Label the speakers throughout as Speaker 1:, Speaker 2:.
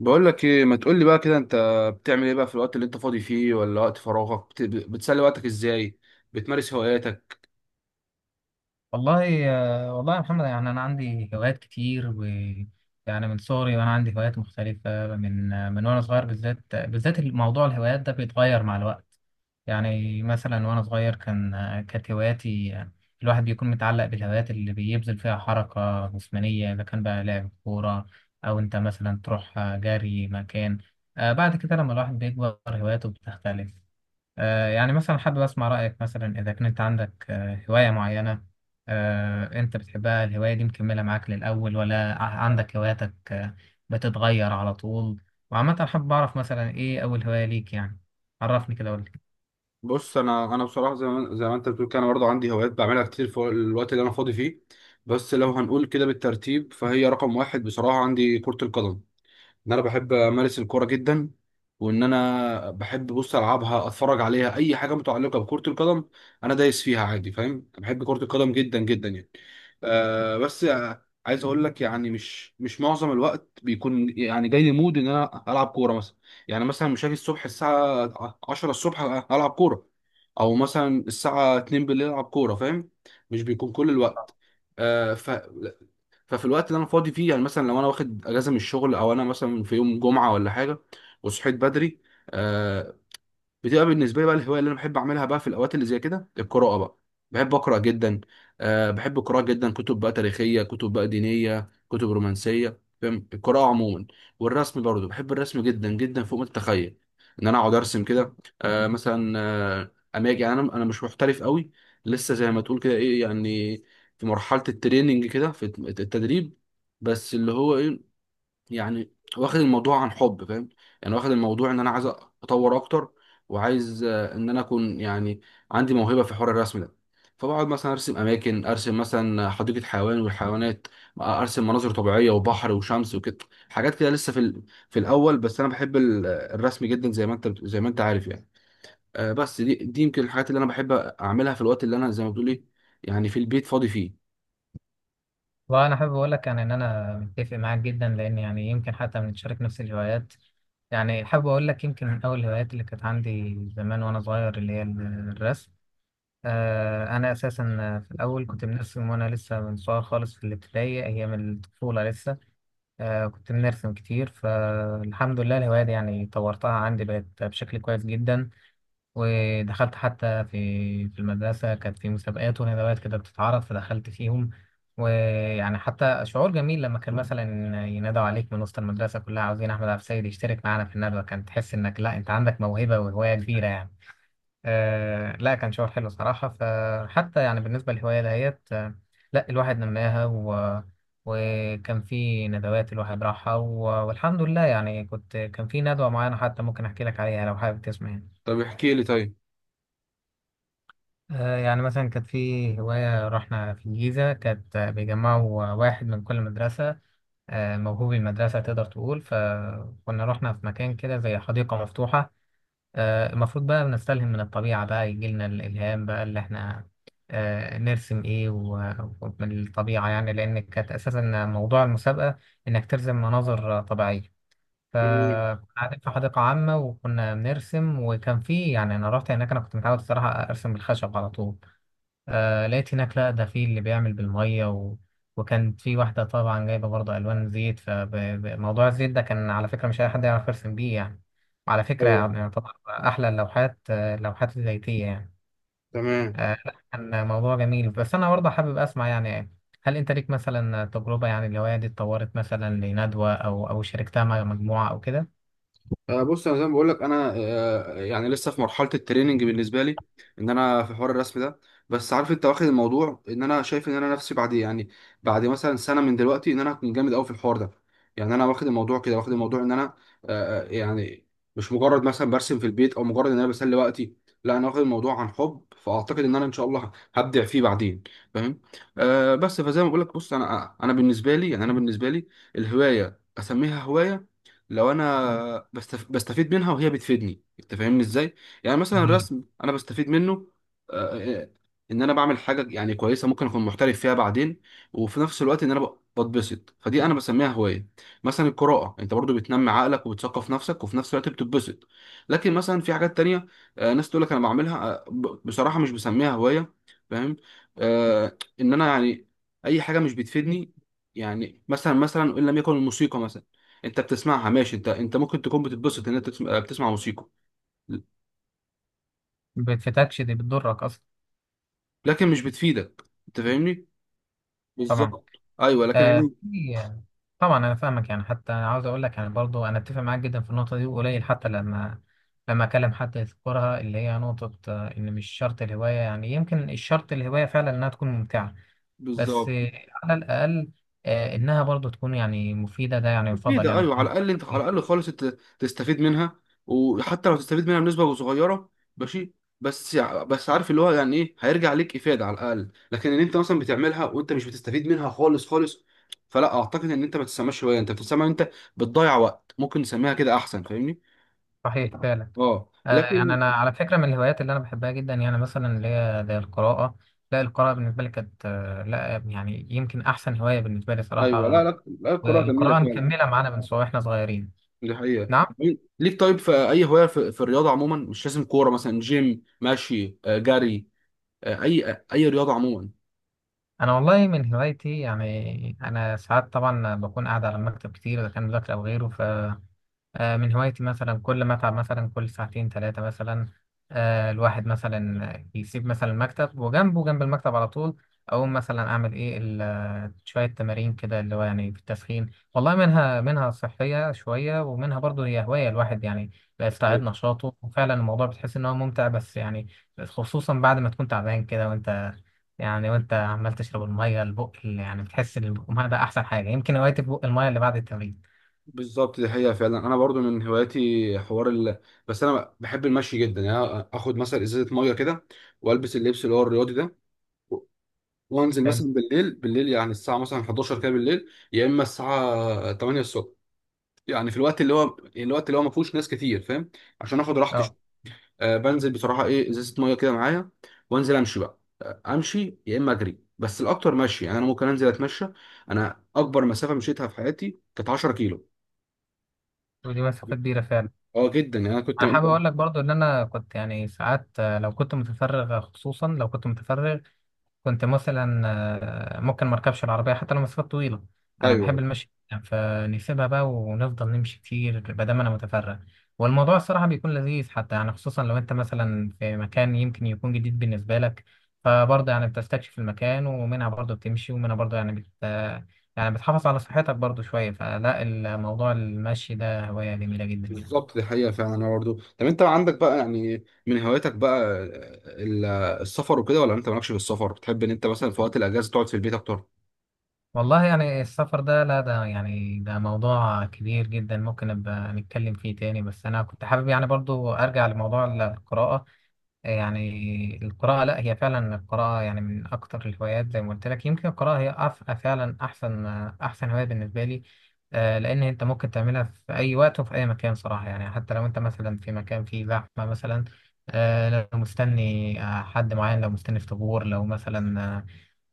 Speaker 1: بقول لك ايه؟ ما تقول لي بقى كده، انت بتعمل ايه بقى في الوقت اللي انت فاضي فيه، ولا وقت فراغك بتسلي وقتك ازاي؟ بتمارس هواياتك؟
Speaker 2: والله والله يا محمد، يعني انا عندي هوايات كتير و يعني من صغري وانا عندي هوايات مختلفه، من وانا صغير، بالذات الموضوع الهوايات ده بيتغير مع الوقت. يعني مثلا وانا صغير كانت هواياتي، الواحد بيكون متعلق بالهوايات اللي بيبذل فيها حركه جسمانيه، اذا كان بقى لعب كوره او انت مثلا تروح جري مكان. بعد كده لما الواحد بيكبر هواياته بتختلف. يعني مثلا حابب أسمع رأيك، مثلا إذا كنت عندك هواية معينة أنت بتحبها، الهواية دي مكملة معاك للأول ولا عندك هواياتك بتتغير على طول؟ وعامة حابب أعرف مثلا إيه أول هواية ليك يعني. عرفني كده قول لي.
Speaker 1: بص، انا بصراحه زي ما زي ما انت بتقول كده، انا برضه عندي هوايات بعملها كتير في الوقت اللي انا فاضي فيه. بس لو هنقول كده بالترتيب، فهي رقم واحد بصراحه عندي كره القدم. ان انا بحب امارس الكوره جدا، وان انا بحب، بص، العبها، اتفرج عليها، اي حاجه متعلقه بكره القدم. انا دايس فيها عادي، فاهم. أنا بحب كره القدم جدا جدا يعني. آه بس آه، عايز اقول لك يعني مش معظم الوقت بيكون يعني جاي لي مود ان انا العب كوره مثلا. يعني مثلا مش هاجي الصبح الساعه 10 الصبح العب كوره، او مثلا الساعه 2 بالليل العب كوره، فاهم؟ مش بيكون كل الوقت. آه ففي الوقت اللي انا فاضي فيه، يعني مثلا لو انا واخد اجازه من الشغل، او انا مثلا في يوم جمعه ولا حاجه وصحيت بدري، آه، بتبقى بالنسبه لي بقى الهوايه اللي انا بحب اعملها بقى في الاوقات اللي زي كده القراءه بقى. بحب اقرا جدا. بحب القراءه جدا، كتب بقى تاريخيه، كتب بقى دينيه، كتب رومانسيه، فاهم، القراءه عموما. والرسم برضو، بحب الرسم جدا جدا فوق ما تتخيل ان انا اقعد ارسم كده. أه مثلا آه، اماجي يعني، انا مش محترف قوي، لسه زي ما تقول كده ايه يعني، في مرحله التريننج كده، في التدريب. بس اللي هو ايه، يعني واخد الموضوع عن حب، فاهم. يعني واخد الموضوع ان انا عايز اطور اكتر، وعايز ان انا اكون يعني عندي موهبه في حوار الرسم ده. فبقعد مثلا ارسم اماكن، ارسم مثلا حديقه حيوان والحيوانات، ارسم مناظر طبيعيه وبحر وشمس وكده، حاجات كده لسه في في الاول. بس انا بحب الرسم جدا، زي ما انت زي ما انت عارف يعني. بس دي يمكن الحاجات اللي انا بحب اعملها في الوقت اللي انا، زي ما بتقول ايه، يعني في البيت فاضي فيه.
Speaker 2: وانا حابب اقول لك يعني ان انا متفق معاك جدا، لان يعني يمكن حتى بنتشارك نفس الهوايات. يعني حابب اقول لك، يمكن من اول الهوايات اللي كانت عندي زمان وانا صغير اللي هي الرسم. أنا أساسا في الأول كنت بنرسم وأنا لسه من صغير خالص، في الابتدائي أيام الطفولة لسه. كنت بنرسم كتير، فالحمد لله الهواية دي يعني طورتها عندي بقت بشكل كويس جدا. ودخلت حتى في المدرسة كانت في مسابقات وندوات كده بتتعرض فدخلت فيهم. ويعني حتى شعور جميل لما كان مثلا ينادوا عليك من وسط المدرسة كلها عاوزين أحمد عبد السيد يشترك معانا في الندوة، كان تحس إنك لا أنت عندك موهبة وهواية كبيرة يعني. لا كان شعور حلو صراحة، فحتى يعني بالنسبة للهواية دهيت لا الواحد نماها، وكان في ندوات الواحد راحها، والحمد لله يعني. كنت كان في ندوة معينة حتى ممكن أحكي لك عليها لو حابب تسمع يعني.
Speaker 1: طب احكي لي طيب.
Speaker 2: يعني مثلا كانت في هواية، رحنا في الجيزة، كانت بيجمعوا واحد من كل مدرسة موهوب، المدرسة تقدر تقول. فكنا رحنا في مكان كده زي حديقة مفتوحة. المفروض بقى بنستلهم من الطبيعة بقى، يجيلنا الإلهام بقى اللي احنا نرسم ايه ومن الطبيعة، يعني لأن كانت أساسا موضوع المسابقة إنك ترسم مناظر طبيعية.
Speaker 1: تمام.
Speaker 2: فكنا قاعدين في حديقة عامة وكنا بنرسم وكان في، يعني أنا رحت هناك، أنا كنت متعود الصراحة أرسم بالخشب على طول. لقيت هناك لا ده في اللي بيعمل بالمية، وكانت في واحدة طبعا جايبة برضه ألوان زيت، فموضوع الزيت ده كان على فكرة مش أي حد يعرف يرسم بيه يعني. وعلى فكرة
Speaker 1: ايوه.
Speaker 2: يعني يعتبر أحلى اللوحات اللوحات الزيتية يعني.
Speaker 1: تمام.
Speaker 2: لا كان موضوع جميل، بس أنا برضه حابب أسمع يعني: هل أنت ليك مثلا تجربة يعني الهواية دي اتطورت مثلا لندوة أو أو شاركتها مع مجموعة أو كده؟
Speaker 1: بص، انا زي ما بقول لك انا، يعني لسه في مرحله التريننج بالنسبه لي، ان انا في حوار الرسم ده. بس عارف انت، واخد الموضوع ان انا شايف ان انا نفسي بعد يعني بعد مثلا سنه من دلوقتي ان انا هكون جامد قوي في الحوار ده. يعني انا واخد الموضوع كده، واخد الموضوع ان انا يعني مش مجرد مثلا برسم في البيت، او مجرد ان انا بسلي وقتي. لا، انا واخد الموضوع عن حب، فاعتقد ان انا ان شاء الله هبدع فيه بعدين، فاهم. آه بس فزي ما بقول لك، بص، انا بالنسبه لي يعني، انا بالنسبه لي الهوايه اسميها هوايه لو انا بستفيد منها وهي بتفيدني، انت فاهمني ازاي. يعني مثلا
Speaker 2: جميل.
Speaker 1: الرسم انا بستفيد منه. آه، آه، ان انا بعمل حاجه يعني كويسه، ممكن اكون محترف فيها بعدين، وفي نفس الوقت ان انا بتبسط، فدي انا بسميها هوايه. مثلا القراءه، انت برضو بتنمي عقلك وبتثقف نفسك، وفي نفس الوقت بتتبسط. لكن مثلا في حاجات تانية، ناس تقول لك انا بعملها، بصراحه مش بسميها هوايه، فاهم. ان انا يعني اي حاجه مش بتفيدني. يعني مثلا، مثلا، ان لم يكن الموسيقى مثلا، انت بتسمعها ماشي، انت ممكن تكون بتتبسط ان انت تسمع، بتسمع موسيقى،
Speaker 2: بتفتكش دي بتضرك أصلا.
Speaker 1: لكن مش بتفيدك، انت فاهمني.
Speaker 2: طبعا
Speaker 1: بالظبط، ايوه، لكن هي
Speaker 2: آه، في طبعا انا فاهمك، يعني حتى عاوز اقول لك يعني برضو انا اتفق معاك جدا في النقطه دي. وقليل حتى لما اكلم حد يذكرها، اللي هي نقطه ان مش شرط الهوايه يعني، يمكن الشرط الهوايه فعلا انها تكون ممتعه. بس
Speaker 1: بالظبط.
Speaker 2: على الاقل انها برضو تكون يعني مفيده، ده يعني يفضل
Speaker 1: مفيدة،
Speaker 2: يعني
Speaker 1: ايوه، على
Speaker 2: تكون الهوايه
Speaker 1: الاقل انت، على
Speaker 2: مفيدة.
Speaker 1: الاقل خالص انت تستفيد منها، وحتى لو تستفيد منها بنسبه صغيره ماشي. بس عارف، اللي هو يعني ايه هيرجع ليك افاده على الاقل. لكن ان انت مثلا بتعملها وانت مش بتستفيد منها خالص خالص، فلا اعتقد ان انت، ما تسمعش هوايه، انت بتسمع انت بتضيع وقت، ممكن نسميها كده احسن، فاهمني.
Speaker 2: صحيح فعلا.
Speaker 1: اه
Speaker 2: يعني
Speaker 1: لكن،
Speaker 2: انا على فكره، من الهوايات اللي انا بحبها جدا يعني مثلا اللي هي زي القراءه. لا القراءه بالنسبه لي كانت لا يعني يمكن احسن هوايه بالنسبه لي
Speaker 1: ايوه، لا
Speaker 2: صراحه.
Speaker 1: لا لا، الكوره جميله
Speaker 2: والقراءة
Speaker 1: فعلا.
Speaker 2: مكملة معانا من سوا واحنا صغيرين.
Speaker 1: دي حقيقه.
Speaker 2: نعم.
Speaker 1: ليك طيب في اي هوايه في, في الرياضه عموما، مش لازم كوره، مثلا جيم ماشي، جري، اي رياضه عموما؟
Speaker 2: أنا والله من هوايتي، يعني أنا ساعات طبعا بكون قاعد على المكتب كتير إذا كان مذاكرة أو غيره. من هوايتي مثلا كل ما اتعب، مثلا كل ساعتين 3 مثلا الواحد مثلا يسيب مثلا المكتب وجنبه، جنب المكتب على طول أقوم مثلا أعمل إيه شوية تمارين كده، اللي هو يعني في التسخين والله. منها صحية شوية ومنها برضه هي هواية الواحد يعني بيستعيد
Speaker 1: ايوه
Speaker 2: نشاطه. وفعلا الموضوع بتحس إن هو ممتع بس يعني، خصوصا بعد ما تكون تعبان كده، وأنت يعني وأنت عمال تشرب المية البق اللي يعني بتحس إن البق المية ده أحسن حاجة. يمكن هوايتي بق المية اللي بعد التمرين.
Speaker 1: بالظبط، دي حقيقه فعلا. انا برضو من هواياتي حوار بس انا بحب المشي جدا. يعني أنا اخد مثلا ازازه ميه كده، والبس اللبس اللي هو الرياضي ده، و- وانزل
Speaker 2: حلو.
Speaker 1: مثلا بالليل يعني الساعه مثلا 11 كده بالليل، يا اما الساعه 8 الصبح. يعني في الوقت اللي هو، الوقت اللي هو ما فيهوش ناس كتير، فاهم، عشان اخد
Speaker 2: اه.
Speaker 1: راحتي. بنزل بصراحه ايه، ازازه ميه كده معايا، وانزل امشي بقى، امشي يا اما اجري، بس الاكتر مشي يعني. انا ممكن انزل اتمشى. انا اكبر مسافه مشيتها في حياتي كانت 10 كيلو.
Speaker 2: ودي مسافة كبيرة فعلا.
Speaker 1: اه جدا، يعني انا كنت.
Speaker 2: أنا حابب أقول لك برضو إن أنا كنت يعني ساعات لو كنت متفرغ، خصوصا لو كنت متفرغ كنت مثلا ممكن مركبش العربية حتى لو مسافات طويلة. أنا بحب
Speaker 1: ايوه
Speaker 2: المشي جداً، فنسيبها بقى ونفضل نمشي كتير بدل ما، دام أنا متفرغ. والموضوع الصراحة بيكون لذيذ حتى يعني، خصوصا لو أنت مثلا في مكان يمكن يكون جديد بالنسبة لك، فبرضه يعني بتستكشف المكان، ومنها برضه بتمشي ومنها برضه يعني بت، يعني بتحافظ على صحتك برضه شوية، فلا الموضوع المشي ده هواية جميلة جدا يعني.
Speaker 1: بالظبط، دي حقيقه فعلا. انا برضه، طب انت عندك بقى يعني من هواياتك بقى ال- السفر وكده، ولا انت مالكش في السفر، بتحب ان انت مثلا في وقت الاجازه تقعد في البيت اكتر؟
Speaker 2: والله يعني السفر ده، لا ده يعني ده موضوع كبير جدا ممكن نبقى نتكلم فيه تاني، بس أنا كنت حابب يعني برضو أرجع لموضوع القراءة. يعني القراءة لا هي فعلا، القراءة يعني من أكتر الهوايات زي ما قلت لك. يمكن القراءة هي فعلا أحسن هواية بالنسبة لي. لأن أنت ممكن تعملها في أي وقت وفي أي مكان صراحة، يعني حتى لو أنت مثلا في مكان فيه زحمة مثلا لو مستني حد معين، لو مستني في طابور، لو مثلا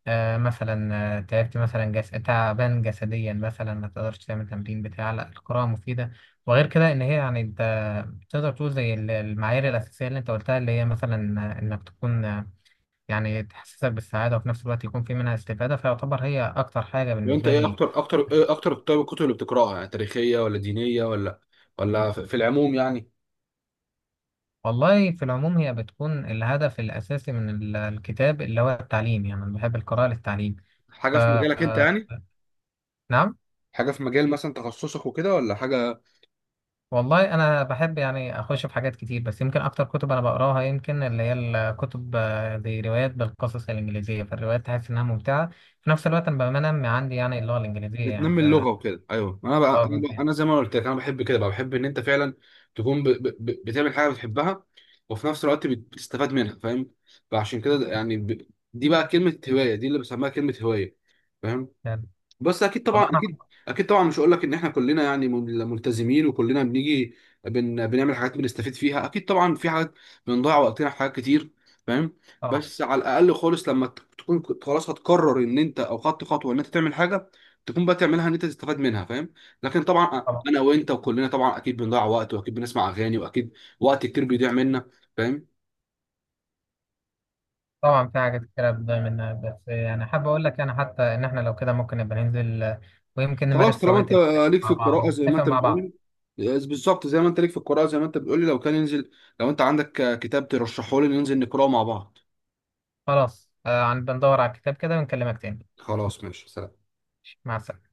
Speaker 2: آه، مثلا تعبت مثلا تعبان جسديا مثلا، ما تقدرش تعمل تمرين بتاع، لا القراءة مفيدة. وغير كده ان هي يعني انت تقدر تقول زي المعايير الأساسية اللي انت قلتها اللي هي مثلا انك تكون يعني تحسسك بالسعادة، وفي نفس الوقت يكون في منها استفادة، فيعتبر هي أكتر حاجة
Speaker 1: وانت
Speaker 2: بالنسبة
Speaker 1: ايه
Speaker 2: لي.
Speaker 1: اكتر، اكتر ايه اكتر؟ طيب الكتب اللي بتقراها يعني، تاريخيه ولا دينيه، ولا ولا في، في العموم يعني؟
Speaker 2: والله في العموم هي بتكون الهدف الأساسي من الكتاب، اللي هو التعليم يعني. أنا بحب القراءة للتعليم، ف
Speaker 1: حاجه في مجالك انت
Speaker 2: آه،
Speaker 1: يعني،
Speaker 2: نعم.
Speaker 1: حاجه في مجال مثلا تخصصك وكده، ولا حاجه؟
Speaker 2: والله انا بحب يعني اخش في حاجات كتير، بس يمكن اكتر كتب انا بقراها يمكن اللي هي الكتب زي روايات بالقصص الانجليزيه، فالروايات تحس انها ممتعه. في نفس الوقت انا بنمي عندي يعني اللغه الانجليزيه يعني
Speaker 1: بتنمي
Speaker 2: ف.
Speaker 1: اللغه وكده، ايوه. ما انا بقى،
Speaker 2: اه
Speaker 1: انا
Speaker 2: بالظبط.
Speaker 1: بقى انا زي ما قلت لك، انا بحب كده بقى، بحب ان انت فعلا تكون بتعمل حاجه بتحبها، وفي نفس الوقت بتستفاد منها، فاهم. فعشان كده يعني دي بقى كلمه هوايه دي اللي بسميها كلمه هوايه، فاهم.
Speaker 2: يعني
Speaker 1: بس اكيد طبعا،
Speaker 2: والله انا.
Speaker 1: اكيد. اكيد طبعا مش هقول لك ان احنا كلنا يعني ملتزمين، وكلنا بنيجي بنعمل حاجات بنستفيد فيها. اكيد طبعا في حاجات بنضيع وقتنا في حاجات كتير، فاهم.
Speaker 2: طبعا
Speaker 1: بس على الاقل خالص، لما تكون كنت خلاص هتقرر ان انت، او خدت خطوه ان انت تعمل حاجه، تكون بقى تعملها ان انت تستفاد منها، فاهم. لكن طبعا
Speaker 2: طبعا
Speaker 1: انا وانت وكلنا طبعا، اكيد بنضيع وقت، واكيد بنسمع اغاني، واكيد وقت كتير بيضيع منا، فاهم.
Speaker 2: طبعا في حاجات كتير بتضيع منها، بس يعني حابب اقول لك يعني حتى ان احنا لو كده ممكن نبقى ننزل ويمكن
Speaker 1: خلاص،
Speaker 2: نمارس
Speaker 1: طالما
Speaker 2: هوايات
Speaker 1: انت
Speaker 2: المشي
Speaker 1: ليك في
Speaker 2: مع بعض
Speaker 1: القراءة زي ما
Speaker 2: ونتفق
Speaker 1: انت
Speaker 2: مع بعض.
Speaker 1: بتقولي، بالظبط، زي ما انت ليك في القراءة زي ما انت بتقولي، لو كان ينزل، لو انت عندك كتاب ترشحه لي ننزل نقراه مع بعض.
Speaker 2: خلاص عن بندور على الكتاب كده ونكلمك تاني.
Speaker 1: خلاص ماشي، سلام.
Speaker 2: مع السلامه.